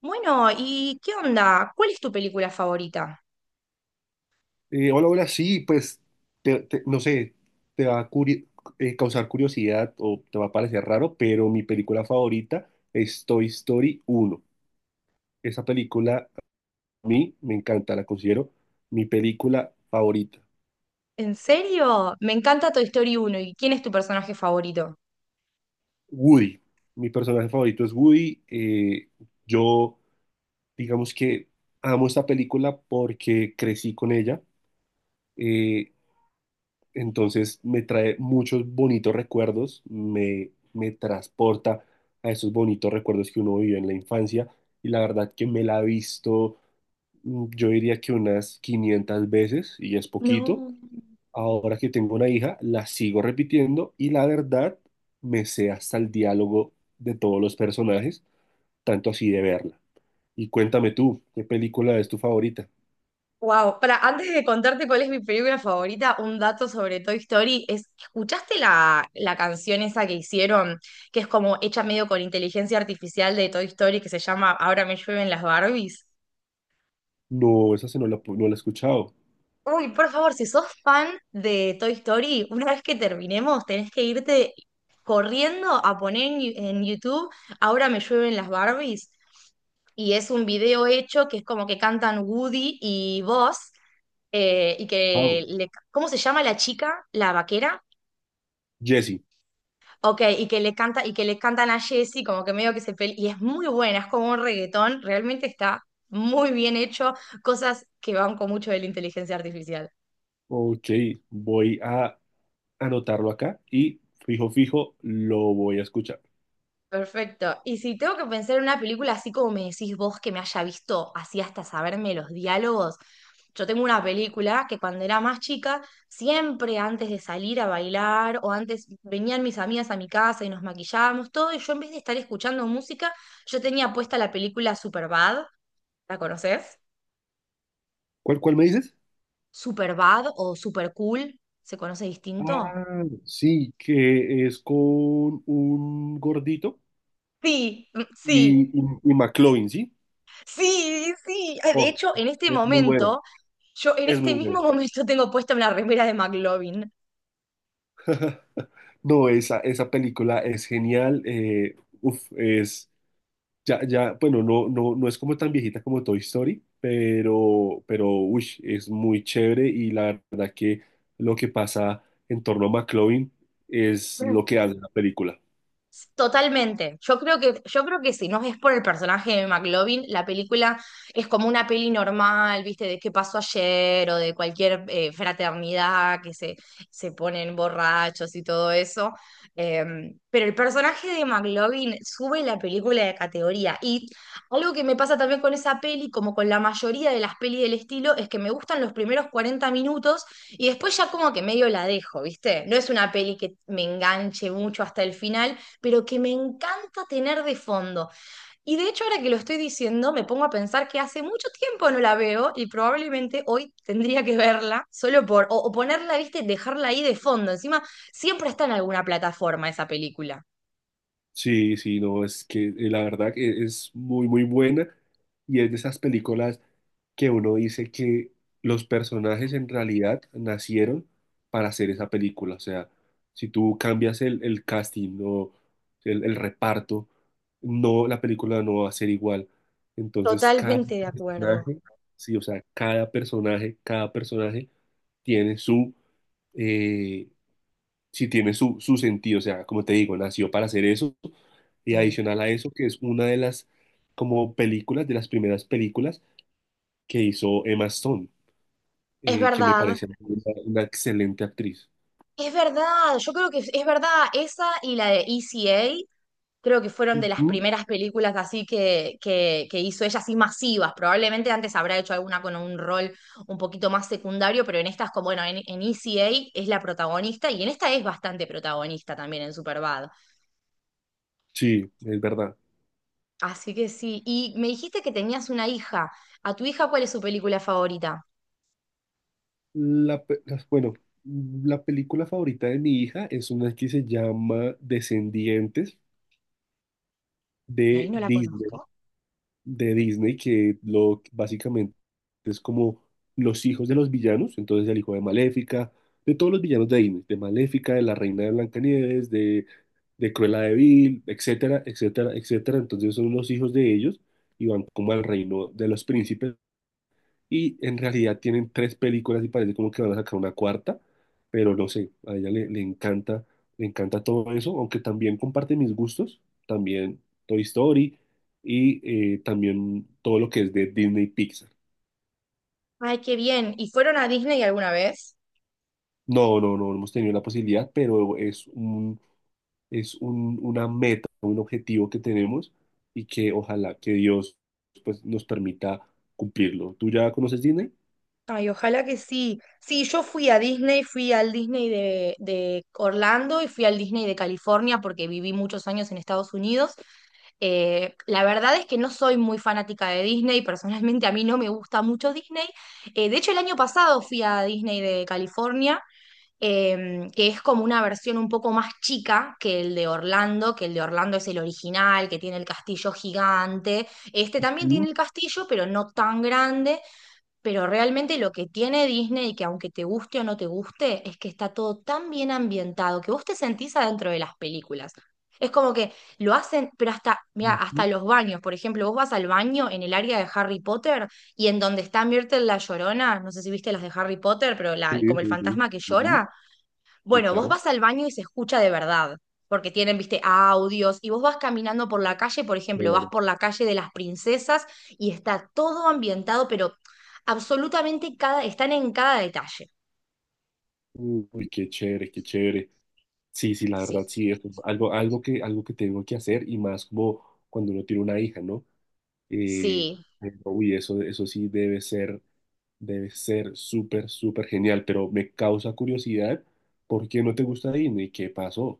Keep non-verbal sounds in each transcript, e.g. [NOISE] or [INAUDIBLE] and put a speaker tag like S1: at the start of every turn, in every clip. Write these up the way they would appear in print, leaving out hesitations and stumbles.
S1: Bueno, ¿y qué onda? ¿Cuál es tu película favorita?
S2: Hola, hola, sí, pues, no sé, te va a curi- causar curiosidad o te va a parecer raro, pero mi película favorita es Toy Story uno. Esa película a mí me encanta, la considero mi película favorita.
S1: ¿En serio? Me encanta Toy Story uno. ¿Y quién es tu personaje favorito?
S2: Woody, mi personaje favorito es Woody. Yo, digamos que amo esta película porque crecí con ella. eh, Entonces me trae muchos bonitos recuerdos, me transporta a esos bonitos recuerdos que uno vivió en la infancia y la verdad que me la he visto, yo diría que unas 500 veces y es poquito.
S1: No.
S2: Ahora que tengo una hija, la sigo repitiendo y la verdad me sé hasta el diálogo de todos los personajes, tanto así de verla. Y cuéntame tú, ¿qué película es tu favorita?
S1: Wow, para antes de contarte cuál es mi película favorita, un dato sobre Toy Story es, ¿escuchaste la canción esa que hicieron, que es como hecha medio con inteligencia artificial de Toy Story, que se llama Ahora me llueven las Barbies?
S2: No, esa se no la, pu- no la he escuchado.
S1: Uy, por favor, si sos fan de Toy Story, una vez que terminemos, tenés que irte corriendo a poner en, en YouTube Ahora me llueven las Barbies. Y es un video hecho que es como que cantan Woody y Buzz. Y que
S2: Wow.
S1: le, ¿cómo se llama la chica? La vaquera.
S2: Jesse.
S1: Ok, y que le canta, y que le cantan a Jessie, como que medio que se pelea. Y es muy buena, es como un reggaetón, realmente está muy bien hecho, cosas que van con mucho de la inteligencia artificial.
S2: Ok, voy a anotarlo acá y fijo, fijo, lo voy a escuchar.
S1: Perfecto. Y si tengo que pensar en una película así como me decís vos que me haya visto así hasta saberme los diálogos, yo tengo una película que cuando era más chica, siempre antes de salir a bailar o antes venían mis amigas a mi casa y nos maquillábamos todo y yo en vez de estar escuchando música, yo tenía puesta la película Superbad, ¿la conoces?
S2: ¿Cuál, cuál me dices?
S1: Superbad o Super Cool, ¿se conoce distinto?
S2: Ah, sí, que es con un gordito
S1: Sí, mm, sí.
S2: y McLovin, ¿sí?
S1: Sí, sí. Ah, de
S2: Oh,
S1: hecho, en este
S2: es muy buena,
S1: momento, yo en
S2: es muy
S1: este mismo
S2: buena.
S1: momento tengo puesta una remera de McLovin.
S2: [LAUGHS] No, esa película es genial. Uf, es. Ya, ya, bueno, no, no, no es como tan viejita como Toy Story, pero, uy, es muy chévere y la verdad que lo que pasa en torno a McLovin es lo que hace la película.
S1: Totalmente. Yo creo que si no es por el personaje de McLovin, la película es como una peli normal, ¿viste? De qué pasó ayer o de cualquier fraternidad que se ponen borrachos y todo eso. Eh, pero el personaje de McLovin sube la película de categoría. Y algo que me pasa también con esa peli, como con la mayoría de las pelis del estilo, es que me gustan los primeros 40 minutos y después ya como que medio la dejo, ¿viste? No es una peli que me enganche mucho hasta el final pero que me encanta tener de fondo. Y de hecho, ahora que lo estoy diciendo, me pongo a pensar que hace mucho tiempo no la veo y probablemente hoy tendría que verla solo por, o ponerla, viste, dejarla ahí de fondo. Encima, siempre está en alguna plataforma esa película.
S2: Sí, sí, no, es que la verdad que es muy, muy buena y es de esas películas que uno dice que los personajes en realidad nacieron para hacer esa película. O sea, si tú cambias el casting o el reparto, no, la película no va a ser igual. Entonces, cada
S1: Totalmente de acuerdo.
S2: personaje, sí, o sea, cada personaje tiene eh, si tiene su, su sentido, o sea, como te digo, nació para hacer eso, y
S1: Sí.
S2: adicional a eso, que es una de las, como películas, de las primeras películas que hizo Emma Stone,
S1: Es
S2: que me
S1: verdad,
S2: parece una excelente actriz.
S1: es verdad. Yo creo que es verdad esa y la de ECA creo que fueron de las
S2: Ujú.
S1: primeras películas así que hizo ella, así masivas. Probablemente antes habrá hecho alguna con un rol un poquito más secundario, pero en estas, como bueno, en ECA es la protagonista y en esta es bastante protagonista también en Superbad.
S2: Sí, es verdad.
S1: Así que sí, y me dijiste que tenías una hija. ¿A tu hija cuál es su película favorita?
S2: Bueno, la película favorita de mi hija es una que se llama Descendientes
S1: Ahí
S2: de
S1: no la
S2: Disney.
S1: conozco.
S2: De Disney que lo básicamente es como los hijos de los villanos, entonces el hijo de Maléfica, de todos los villanos de Disney, de Maléfica, de la reina de Blancanieves, de Cruella de Vil, etcétera, etcétera, etcétera. Entonces son los hijos de ellos y van como al reino de los príncipes y en realidad tienen tres películas y parece como que van a sacar una cuarta, pero no sé, a ella le encanta todo eso, aunque también comparte mis gustos, también Toy Story y también todo lo que es de Disney y Pixar.
S1: Ay, qué bien. ¿Y fueron a Disney alguna vez?
S2: No, no, no, no hemos tenido la posibilidad, pero es un, una meta, un objetivo que tenemos y que ojalá que Dios pues, nos permita cumplirlo. ¿Tú ya conoces Disney?
S1: Ay, ojalá que sí. Sí, yo fui a Disney, fui al Disney de Orlando y fui al Disney de California porque viví muchos años en Estados Unidos. La verdad es que no soy muy fanática de Disney, personalmente a mí no me gusta mucho Disney. De hecho, el año pasado fui a Disney de California, que es como una versión un poco más chica que el de Orlando, que el de Orlando es el original, que tiene el castillo gigante. Este también
S2: Mm,
S1: tiene el castillo, pero no tan grande. Pero realmente lo que tiene Disney, y que aunque te guste o no te guste, es que está todo tan bien ambientado que vos te sentís adentro de las películas. Es como que lo hacen, pero hasta, mira, hasta
S2: ujú.
S1: los baños. Por ejemplo, vos vas al baño en el área de Harry Potter y en donde está Myrtle la Llorona, no sé si viste las de Harry Potter, pero
S2: Sí,
S1: la, como el
S2: sí, sí.
S1: fantasma que
S2: Ujú.
S1: llora,
S2: Sí,
S1: bueno, vos
S2: claro.
S1: vas al baño y se escucha de verdad, porque tienen, viste, audios, y vos vas caminando por la calle, por ejemplo, vas por la calle de las princesas y está todo ambientado, pero absolutamente cada, están en cada detalle.
S2: Uy, qué chévere, qué chévere. Sí, sí, la
S1: Sí,
S2: verdad, sí, es algo, algo que tengo que hacer y más como cuando uno tiene una hija, ¿no? Eh,
S1: sí.
S2: pero, uy, eso sí debe ser súper, súper genial, pero me causa curiosidad, ¿por qué no te gusta Disney? ¿Qué pasó?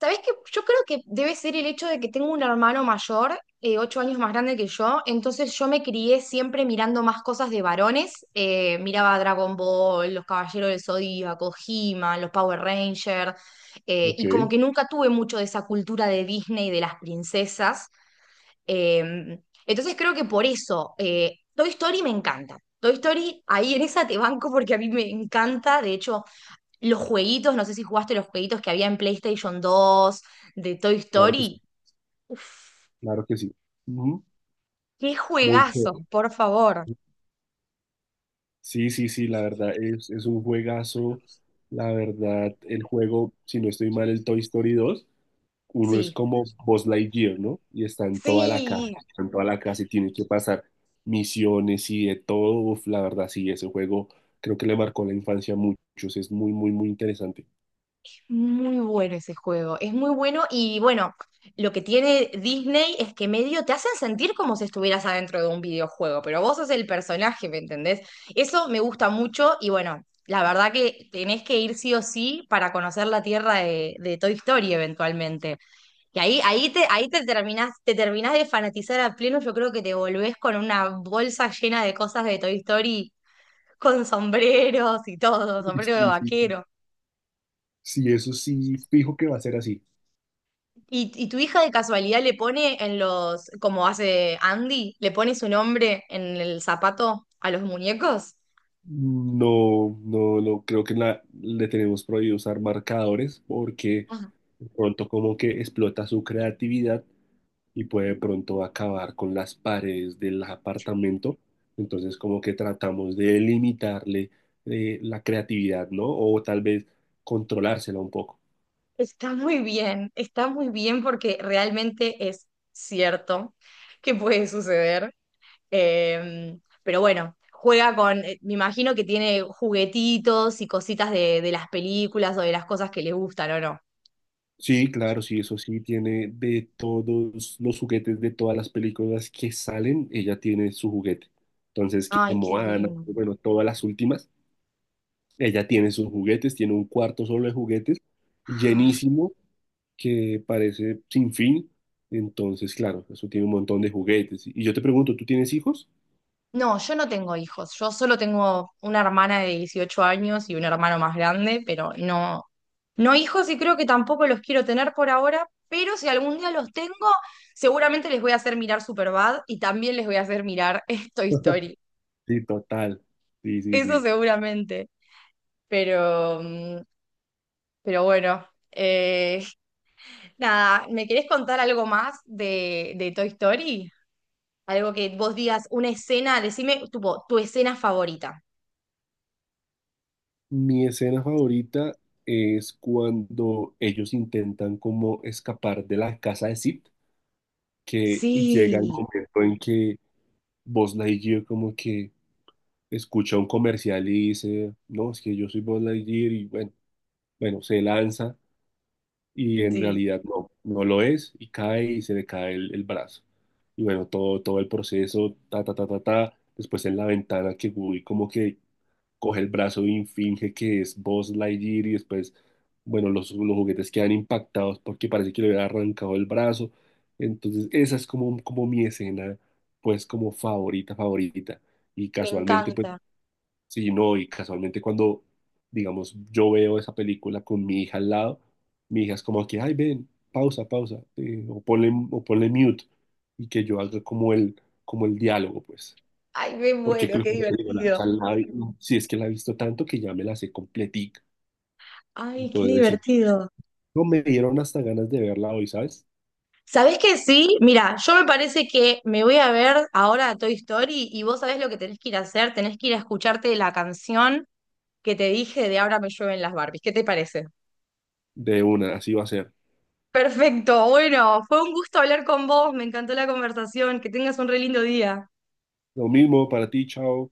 S1: ¿Sabés qué? Yo creo que debe ser el hecho de que tengo un hermano mayor, ocho años más grande que yo, entonces yo me crié siempre mirando más cosas de varones. Miraba Dragon Ball, Los Caballeros del Zodíaco, He-Man, los Power Rangers, y
S2: Ok,
S1: como que nunca tuve mucho de esa cultura de Disney, de las princesas. eh, entonces creo que por eso, Toy Story me encanta. Toy Story, ahí en esa te banco porque a mí me encanta, de hecho... Los jueguitos, no sé si jugaste los jueguitos que había en PlayStation dos de Toy
S2: claro que sí,
S1: Story. Uf,
S2: claro que sí. Ujú.
S1: qué
S2: Muy
S1: juegazos,
S2: chévere.
S1: por favor.
S2: Sí, sí, sí, la verdad es un juegazo. La verdad, el juego, si no estoy mal, el Toy Story dos. Uno es
S1: Sí,
S2: como Buzz Lightyear, ¿no? Y está en toda la
S1: sí.
S2: casa, en toda la casa y tiene que pasar misiones y de todo. Uf, la verdad, sí, ese juego creo que le marcó la infancia a muchos. Es muy, muy, muy interesante.
S1: Muy bueno ese juego, es muy bueno y bueno, lo que tiene Disney es que medio te hacen sentir como si estuvieras adentro de un videojuego, pero vos sos el personaje, ¿me entendés? Eso me gusta mucho y bueno, la verdad que tenés que ir sí o sí para conocer la tierra de Toy Story eventualmente. Y ahí te terminás de fanatizar a pleno, yo creo que te volvés con una bolsa llena de cosas de Toy Story, con sombreros y todo,
S2: Uy,
S1: sombrero de
S2: sí, sí, sí.
S1: vaquero.
S2: Sí, eso sí, fijo que va a ser así.
S1: ¿Y tu hija de casualidad le pone en los, como hace Andy, le pone su nombre en el zapato a los muñecos?
S2: No, no, no, creo que le tenemos prohibido usar marcadores porque
S1: Ah,
S2: de pronto como que explota su creatividad y puede de pronto acabar con las paredes del apartamento. Entonces, como que tratamos de limitarle la creatividad, ¿no? O tal vez controlársela un poco.
S1: está muy bien, está muy bien porque realmente es cierto que puede suceder. Pero bueno, juega con, me imagino que tiene juguetitos y cositas de las películas o de las cosas que le gustan, ¿o no?
S2: Sí, claro, sí, eso sí, tiene de todos los juguetes de todas las películas que salen, ella tiene su juguete. Entonces, que
S1: Ay, qué
S2: Moana,
S1: lindo.
S2: bueno, todas las últimas, ella tiene sus juguetes, tiene un cuarto solo de juguetes, llenísimo, que parece sin fin. Entonces, claro, eso tiene un montón de juguetes. Y yo te pregunto, ¿tú tienes hijos?
S1: No, yo no tengo hijos. Yo solo tengo una hermana de 18 años y un hermano más grande, pero no, no hijos y creo que tampoco los quiero tener por ahora, pero si algún día los tengo, seguramente les voy a hacer mirar Superbad y también les voy a hacer mirar [LAUGHS] Toy Story.
S2: Sí, total. Sí, sí,
S1: Eso
S2: sí.
S1: seguramente. Pero, mm, pero bueno, [LAUGHS] nada, ¿me querés contar algo más de Toy Story? Algo que vos digas, una escena, decime tipo, tu escena favorita.
S2: Mi escena favorita es cuando ellos intentan como escapar de la casa de Sid, que llega el
S1: Sí,
S2: momento en que Buzz Lightyear como que escucha un comercial y dice, no, es que yo soy Buzz Lightyear y bueno, bueno, se lanza y en
S1: sí.
S2: realidad no, no lo es y cae y se le cae el brazo. Y bueno, todo, todo el proceso, ta, ta, ta, ta, ta, después en la ventana que Woody como que coge el brazo y finge que es Buzz Lightyear y después, bueno, los juguetes quedan impactados porque parece que le había arrancado el brazo. Entonces, esa es como, como mi escena, pues como favorita, favorita. Y
S1: Me
S2: casualmente, pues
S1: encanta.
S2: sí, no, y casualmente cuando, digamos, yo veo esa película con mi hija al lado, mi hija es como aquí, ay, ven, pausa, pausa, o ponle mute, y que yo haga como el diálogo, pues.
S1: Ay, me
S2: Porque
S1: muero,
S2: creo
S1: qué
S2: que como te digo, la, o
S1: divertido.
S2: sea, la vi- si es que la he visto tanto que ya me la sé completica.
S1: Ay, qué
S2: Entonces, sí,
S1: divertido.
S2: no me dieron hasta ganas de verla hoy, ¿sabes?
S1: ¿Sabés que sí? Mira, yo me parece que me voy a ver ahora a Toy Story y vos sabés lo que tenés que ir a hacer, tenés que ir a escucharte la canción que te dije de Ahora me llueven las Barbies. ¿Qué te parece?
S2: De una, así va a ser.
S1: Perfecto, bueno, fue un gusto hablar con vos, me encantó la conversación, que tengas un re lindo día.
S2: Lo mismo para ti, chao.